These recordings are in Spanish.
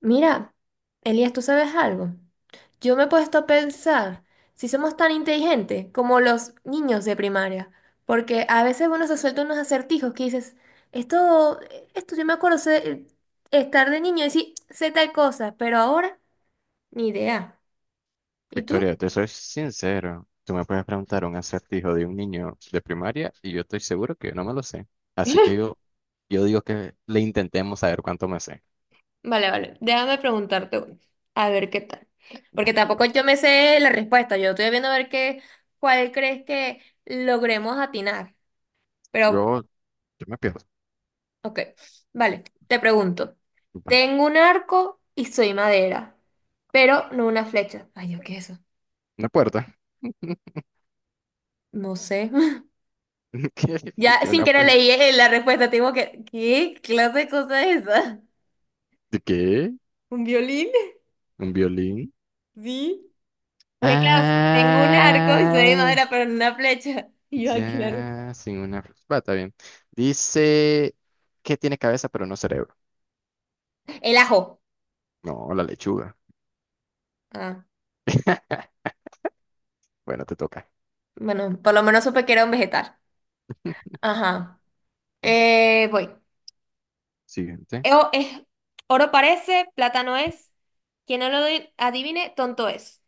Mira, Elías, ¿tú sabes algo? Yo me he puesto a pensar si somos tan inteligentes como los niños de primaria, porque a veces uno se suelta unos acertijos que dices, esto, esto yo me acuerdo estar de niño y decir, sé tal cosa, pero ahora ni idea. ¿Y tú? Victoria, te soy sincero. Tú me puedes preguntar un acertijo de un niño de primaria y yo estoy seguro que yo no me lo sé. Así que yo, yo digo que le intentemos saber cuánto me sé. Vale, vale, déjame preguntarte uno, a ver qué tal. Va, Porque tampoco va. yo me sé la respuesta, yo estoy viendo a ver qué, cuál crees que logremos atinar, pero Yo, yo me pierdo. ok, vale, te pregunto. Va. Tengo un arco y soy madera, pero no una flecha. Ay, Dios, ¿qué es eso? Una puerta. No sé. ¿Qué? ¿Qué? Ya ¿Tiene sin una querer puerta? leí la respuesta. Tengo que, ¿qué clase de cosa es esa? ¿De qué? ¿Un violín? ¿Un violín? Sí. Porque claro, tengo un arco y soy de Ah, madera, pero no una flecha. Y yo, "Ay, claro". ya, sin una... Va, está bien. Dice que tiene cabeza pero no cerebro. El ajo. No, la lechuga. Ah, Bueno, te toca. bueno, por lo menos supe que era un vegetal. Ajá. Bueno, Voy. siguiente. Es, oro parece, plata no es. Quien no lo di- adivine, tonto es.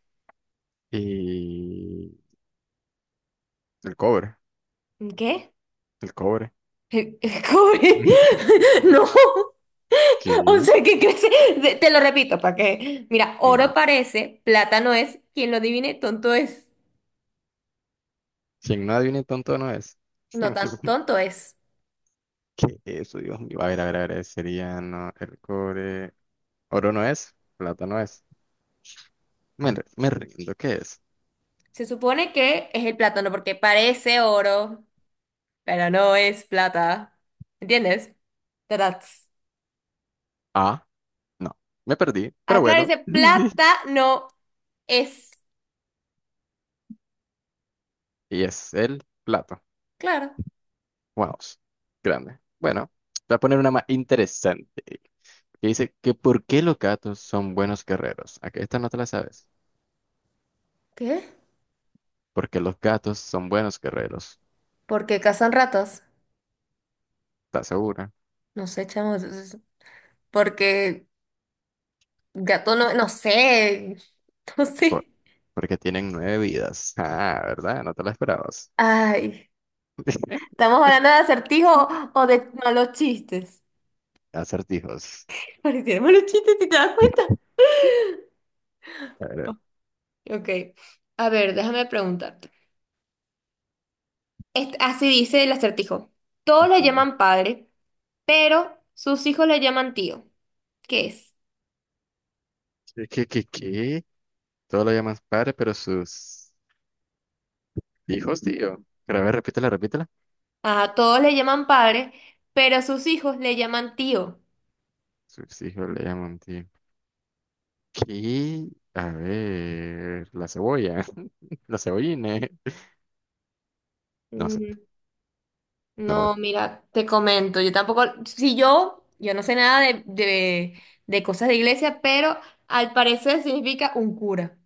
Y el cobre, ¿Qué? el cobre, Eh, ¿Cómo? No, o que sea, ¿qué crees? Te lo repito para que. Mira, no, oro parece, plata no es. Quien lo adivine, tonto es. si en nada viene tonto no es. No tan tonto es. ¿Qué es eso, Dios mío? A ver, a ver, a ver, sería no, el cobre. Oro no es, plata no es. Me rindo, ¿qué es? Se supone que es el plátano porque parece oro, pero no es plata. ¿Entiendes? Tarats. Ah, no, me perdí, pero Ah, claro, bueno. dice plata no es. Y es el plato. Claro. Wow, grande. Bueno, voy a poner una más interesante. Que dice que ¿por qué los gatos son buenos guerreros? Aquí esta no te la sabes. ¿Qué? Porque los gatos son buenos guerreros. Porque cazan ratas. ¿Estás segura? No sé, chamo, porque gato no, no sé, no Por- sé. porque tienen nueve vidas. Ah, ¿verdad? No te la esperabas. Ay, ¿estamos hablando de acertijo o de malos chistes? Acertijos. parecieron malos chistes, si te das cuenta. A ver, Ok, a ver, déjame preguntarte. Así dice el acertijo. Todos le ujú. llaman padre, pero sus hijos le llaman tío. ¿Qué es? ¿Qué, qué, qué, qué? Todo lo llaman padre, pero sus hijos, tío. Pero a ver, repítela, repítela. A todos le llaman padre, pero sus hijos le llaman tío. Sus hijos le llaman tío. ¿Qué? A ver, la cebolla. La cebolline. No sé. Mm, No. no, mira, te comento, yo tampoco, si yo, no sé nada de, de cosas de iglesia, pero al parecer significa un cura.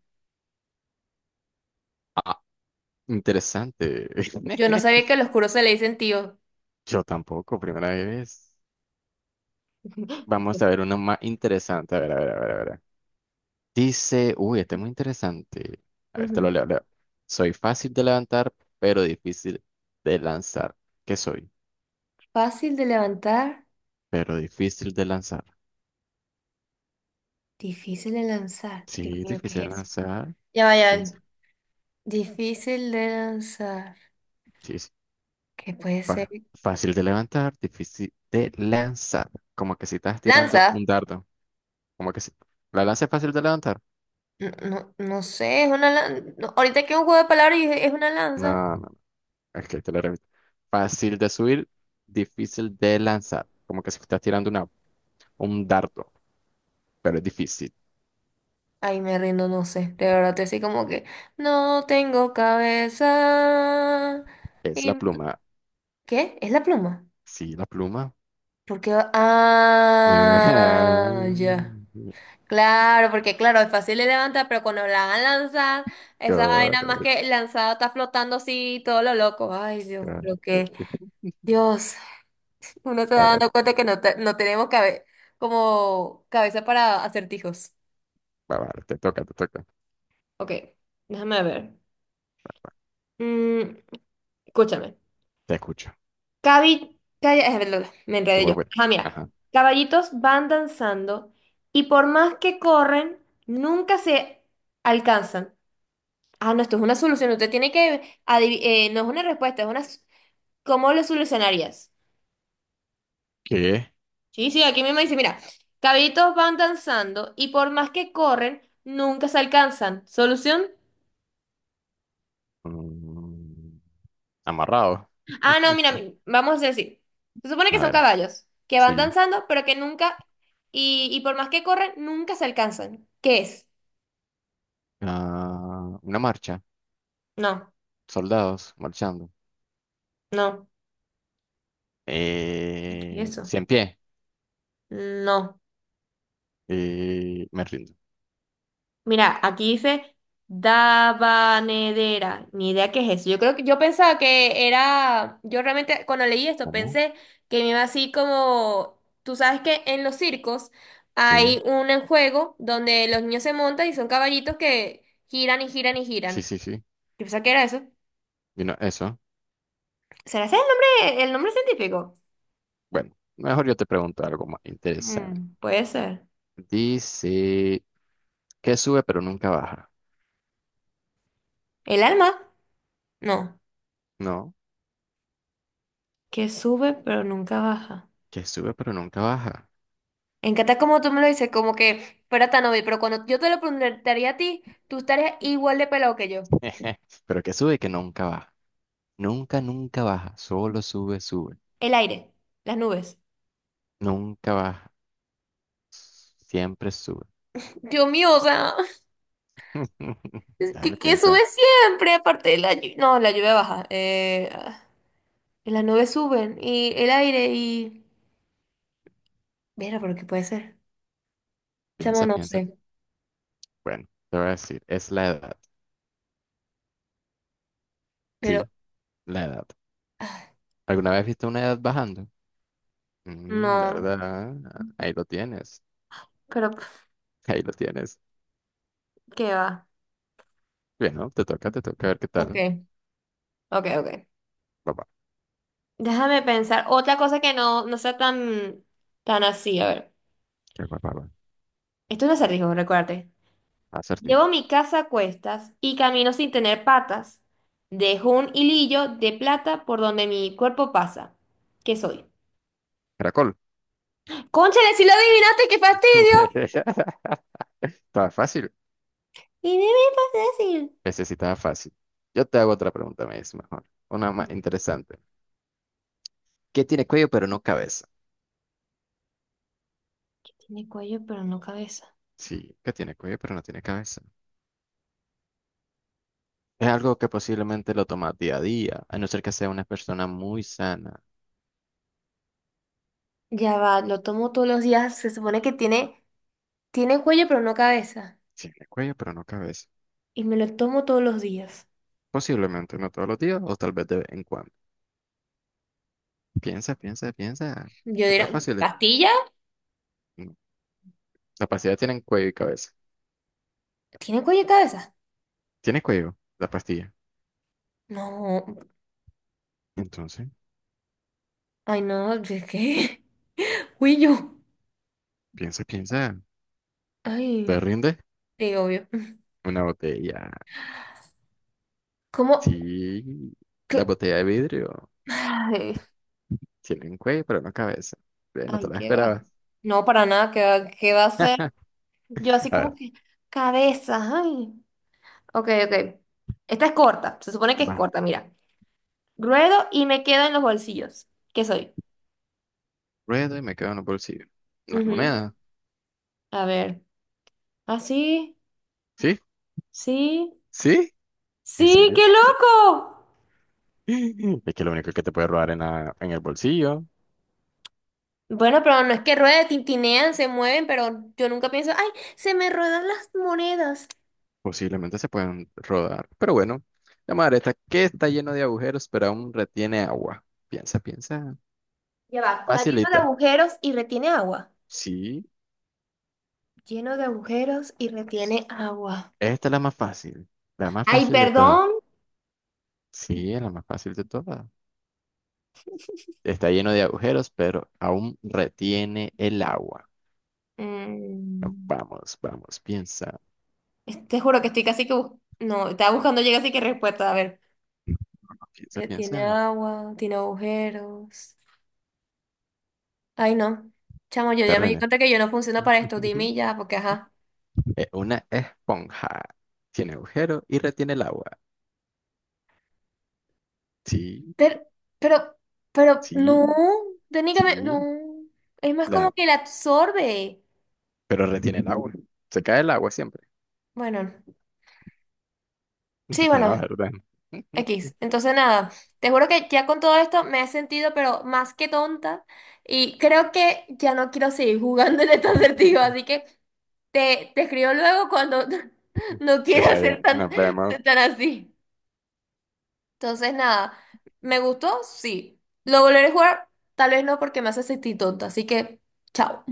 Ah, interesante. Yo no sabía que a los curos se le dicen tío. Yo tampoco, primera vez. Vamos a ver uno más interesante. A ver, a ver, a ver, a ver. Dice, uy, este es muy interesante. A ver, te Ujú. lo leo, leo. Soy fácil de levantar, pero difícil de lanzar. ¿Qué soy? Fácil de levantar, Pero difícil de lanzar. difícil de lanzar. Dios Sí, mío, difícil ¿qué de es eso? lanzar. Ya vaya, Es- difícil de lanzar. Sí, sí. ¿Qué puede ser? Fácil de levantar, difícil de lanzar. Como que si estás tirando ¿Lanza? un dardo. Como que si... ¿La lanza es fácil de levantar? No, no, no sé, es una lanza. Ahorita que un juego de palabras y dije, es una lanza. No, no, es que te lo repito. Fácil de subir, difícil de lanzar. Como que si estás tirando una, un dardo, pero es difícil. Ay, me rindo, no sé. De verdad, te así como que no tengo cabeza. Es la Y- pluma. ¿Qué? ¿Es la pluma? Sí, la pluma. Porque Correcto. ah, ya. Claro, porque claro, es fácil de levantar, pero cuando la van a lanzar, esa vaina más que lanzada está flotando así, todo lo loco. Ay, Dios, lo que Dios, uno se va A ver, dando cuenta que no, no tenemos cabe como cabeza para acertijos. va, va, te toca, te toca. Ok, déjame ver. Mm, escúchame. Te escucho. Perdón, me Te enredé voy, yo. voy. Ah, mira. Ajá. Caballitos van danzando y por más que corren, nunca se alcanzan. Ah, no, esto es una solución. Usted tiene que no es una respuesta, es una. S- ¿Cómo lo solucionarías? ¿Qué? Sí, sí, aquí mismo dice, mira, caballitos van danzando y por más que corren, nunca se alcanzan. ¿Solución? Mm, amarrado. Ah, no, mira, vamos a decir así. Se supone que A son ver, caballos que van sí. danzando, pero que nunca, y por más que corren, nunca se alcanzan. ¿Qué es? Ah, una marcha. No, Soldados marchando. no. ¿Y qué es eso? Cien pie. No. Me rindo. Mira, aquí dice Dabanedera. Ni idea qué es eso. Yo creo que yo pensaba que era. Yo realmente cuando leí esto ¿Cómo? pensé que me iba así como. Tú sabes que en los circos hay Sí, un juego donde los niños se montan y son caballitos que giran y giran y sí, giran. sí, sí. Yo pensaba que era eso. Vino eso. ¿Será ese el nombre científico? Bueno, mejor yo te pregunto algo más interesante. Mm, puede ser. Dice, ¿qué sube pero nunca baja? ¿El alma? No. No. Que sube pero nunca baja. Que sube pero nunca baja. Me encanta como tú me lo dices, como que fuera tan obvio, pero cuando yo te lo preguntaría a ti, tú estarías igual de pelado que yo. Pero que sube y que nunca baja. Nunca, nunca baja. Solo sube, sube. El aire, las nubes. Nunca baja. Siempre sube. Dios mío, o sea, es Dale, que sube piensa, siempre, aparte de la lluvia. No, la lluvia baja. Ah, y las nubes suben, y el aire, y. Mira, pero ¿qué puede ser? Chamo, piensa, no piensa. sé. Bueno, te voy a decir, es la edad. Pero Sí, la edad. ah, ¿Alguna vez viste una edad bajando? Mm, no, ¿verdad? Ahí lo tienes. pero pf, Ahí lo tienes. ¿qué va? Bien, ¿no? Te toca a ver qué Ok, tal. ok, ok. Papá, Déjame pensar. Otra cosa que no, no sea tan, tan así. A ver. qué papá, papá. Esto no es un acertijo, recuérdate. Acertijo. Llevo mi casa a cuestas y camino sin tener patas. Dejo un hilillo de plata por donde mi cuerpo pasa. ¿Qué soy? Caracol. Cónchale, si lo adivinaste, qué fastidio. Está fácil. Y dime fácil. Necesitaba fácil. Yo te hago otra pregunta, me dice mejor. Una más interesante. ¿Qué tiene cuello pero no cabeza? Tiene cuello, pero no cabeza. Sí, ¿qué tiene cuello pero no tiene cabeza? Es algo que posiblemente lo tomas día a día, a no ser que sea una persona muy sana. Ya va, lo tomo todos los días. Se supone que tiene, tiene cuello, pero no cabeza. Tiene cuello pero no cabeza. Y me lo tomo todos los días. Posiblemente no todos los días o tal vez de vez en cuando. Piensa, piensa, piensa. Yo Está diría, fácil. ¿pastilla? No. La pastilla tiene cuello y cabeza. ¿Tiene cuello y cabeza? Tiene cuello, la pastilla. No. Entonces, Ay, no, ¿de qué? Cuello. piensa, piensa. ¿Te Ay, rinde? sí, obvio. Una botella. ¿Cómo? Sí, la botella de vidrio. Ay, Tiene un cuello, pero no cabeza. Ve, no ay, te la qué va. esperabas. No, para nada, qué va a ser? Yo así A como ver, que, cabeza, ay. Ok, ok. Esta es corta, se supone que es va. corta, mira. Ruedo y me quedo en los bolsillos. ¿Qué soy? Ruedo y me quedo en los bolsillos. Las Ujú. monedas. A ver. Ah, sí, ¿Sí? sí, ¿Sí? ¿En sí, qué serio? Sí. loco. Es que lo único que te puede robar en, en el bolsillo. Bueno, pero no es que rueden, tintinean, se mueven, pero yo nunca pienso, ay, se me ruedan las monedas. Posiblemente se pueden rodar. Pero bueno, la madre está que está lleno de agujeros, pero aún retiene agua. Piensa, piensa. Ya va, está lleno de Facilita. agujeros y retiene agua. Sí. Lleno de agujeros y retiene agua. Esta es la más fácil. La más Ay, fácil de todas. perdón. Sí, es la más fácil de todas. Está lleno de agujeros, pero aún retiene el agua. No, Mm, vamos, vamos, piensa, te juro que estoy casi que... no, estaba buscando llega así que respuesta. A ver. piensa, Tiene piensa. agua, tiene agujeros. Ay, no. Chamo, yo ya me di Terreno. cuenta que yo no funciono para esto. Dime y ya, porque ajá. Una esponja. Tiene agujero y retiene el agua. Sí, Pero, pero, pero, sí, no. Técnicamente, no. sí. Es más La... como que la absorbe. Pero retiene el agua. Se cae el agua siempre. Bueno, sí, No, bueno. ¿verdad? X. Entonces, nada, te juro que ya con todo esto me he sentido, pero más que tonta. Y creo que ya no quiero seguir jugando en este acertijo. Así que te escribo luego cuando no Está quieras ser bien, tan, nos vemos. tan así. Entonces, nada, ¿me gustó? Sí. ¿Lo volveré a jugar? Tal vez no, porque me hace sentir tonta. Así que, chao.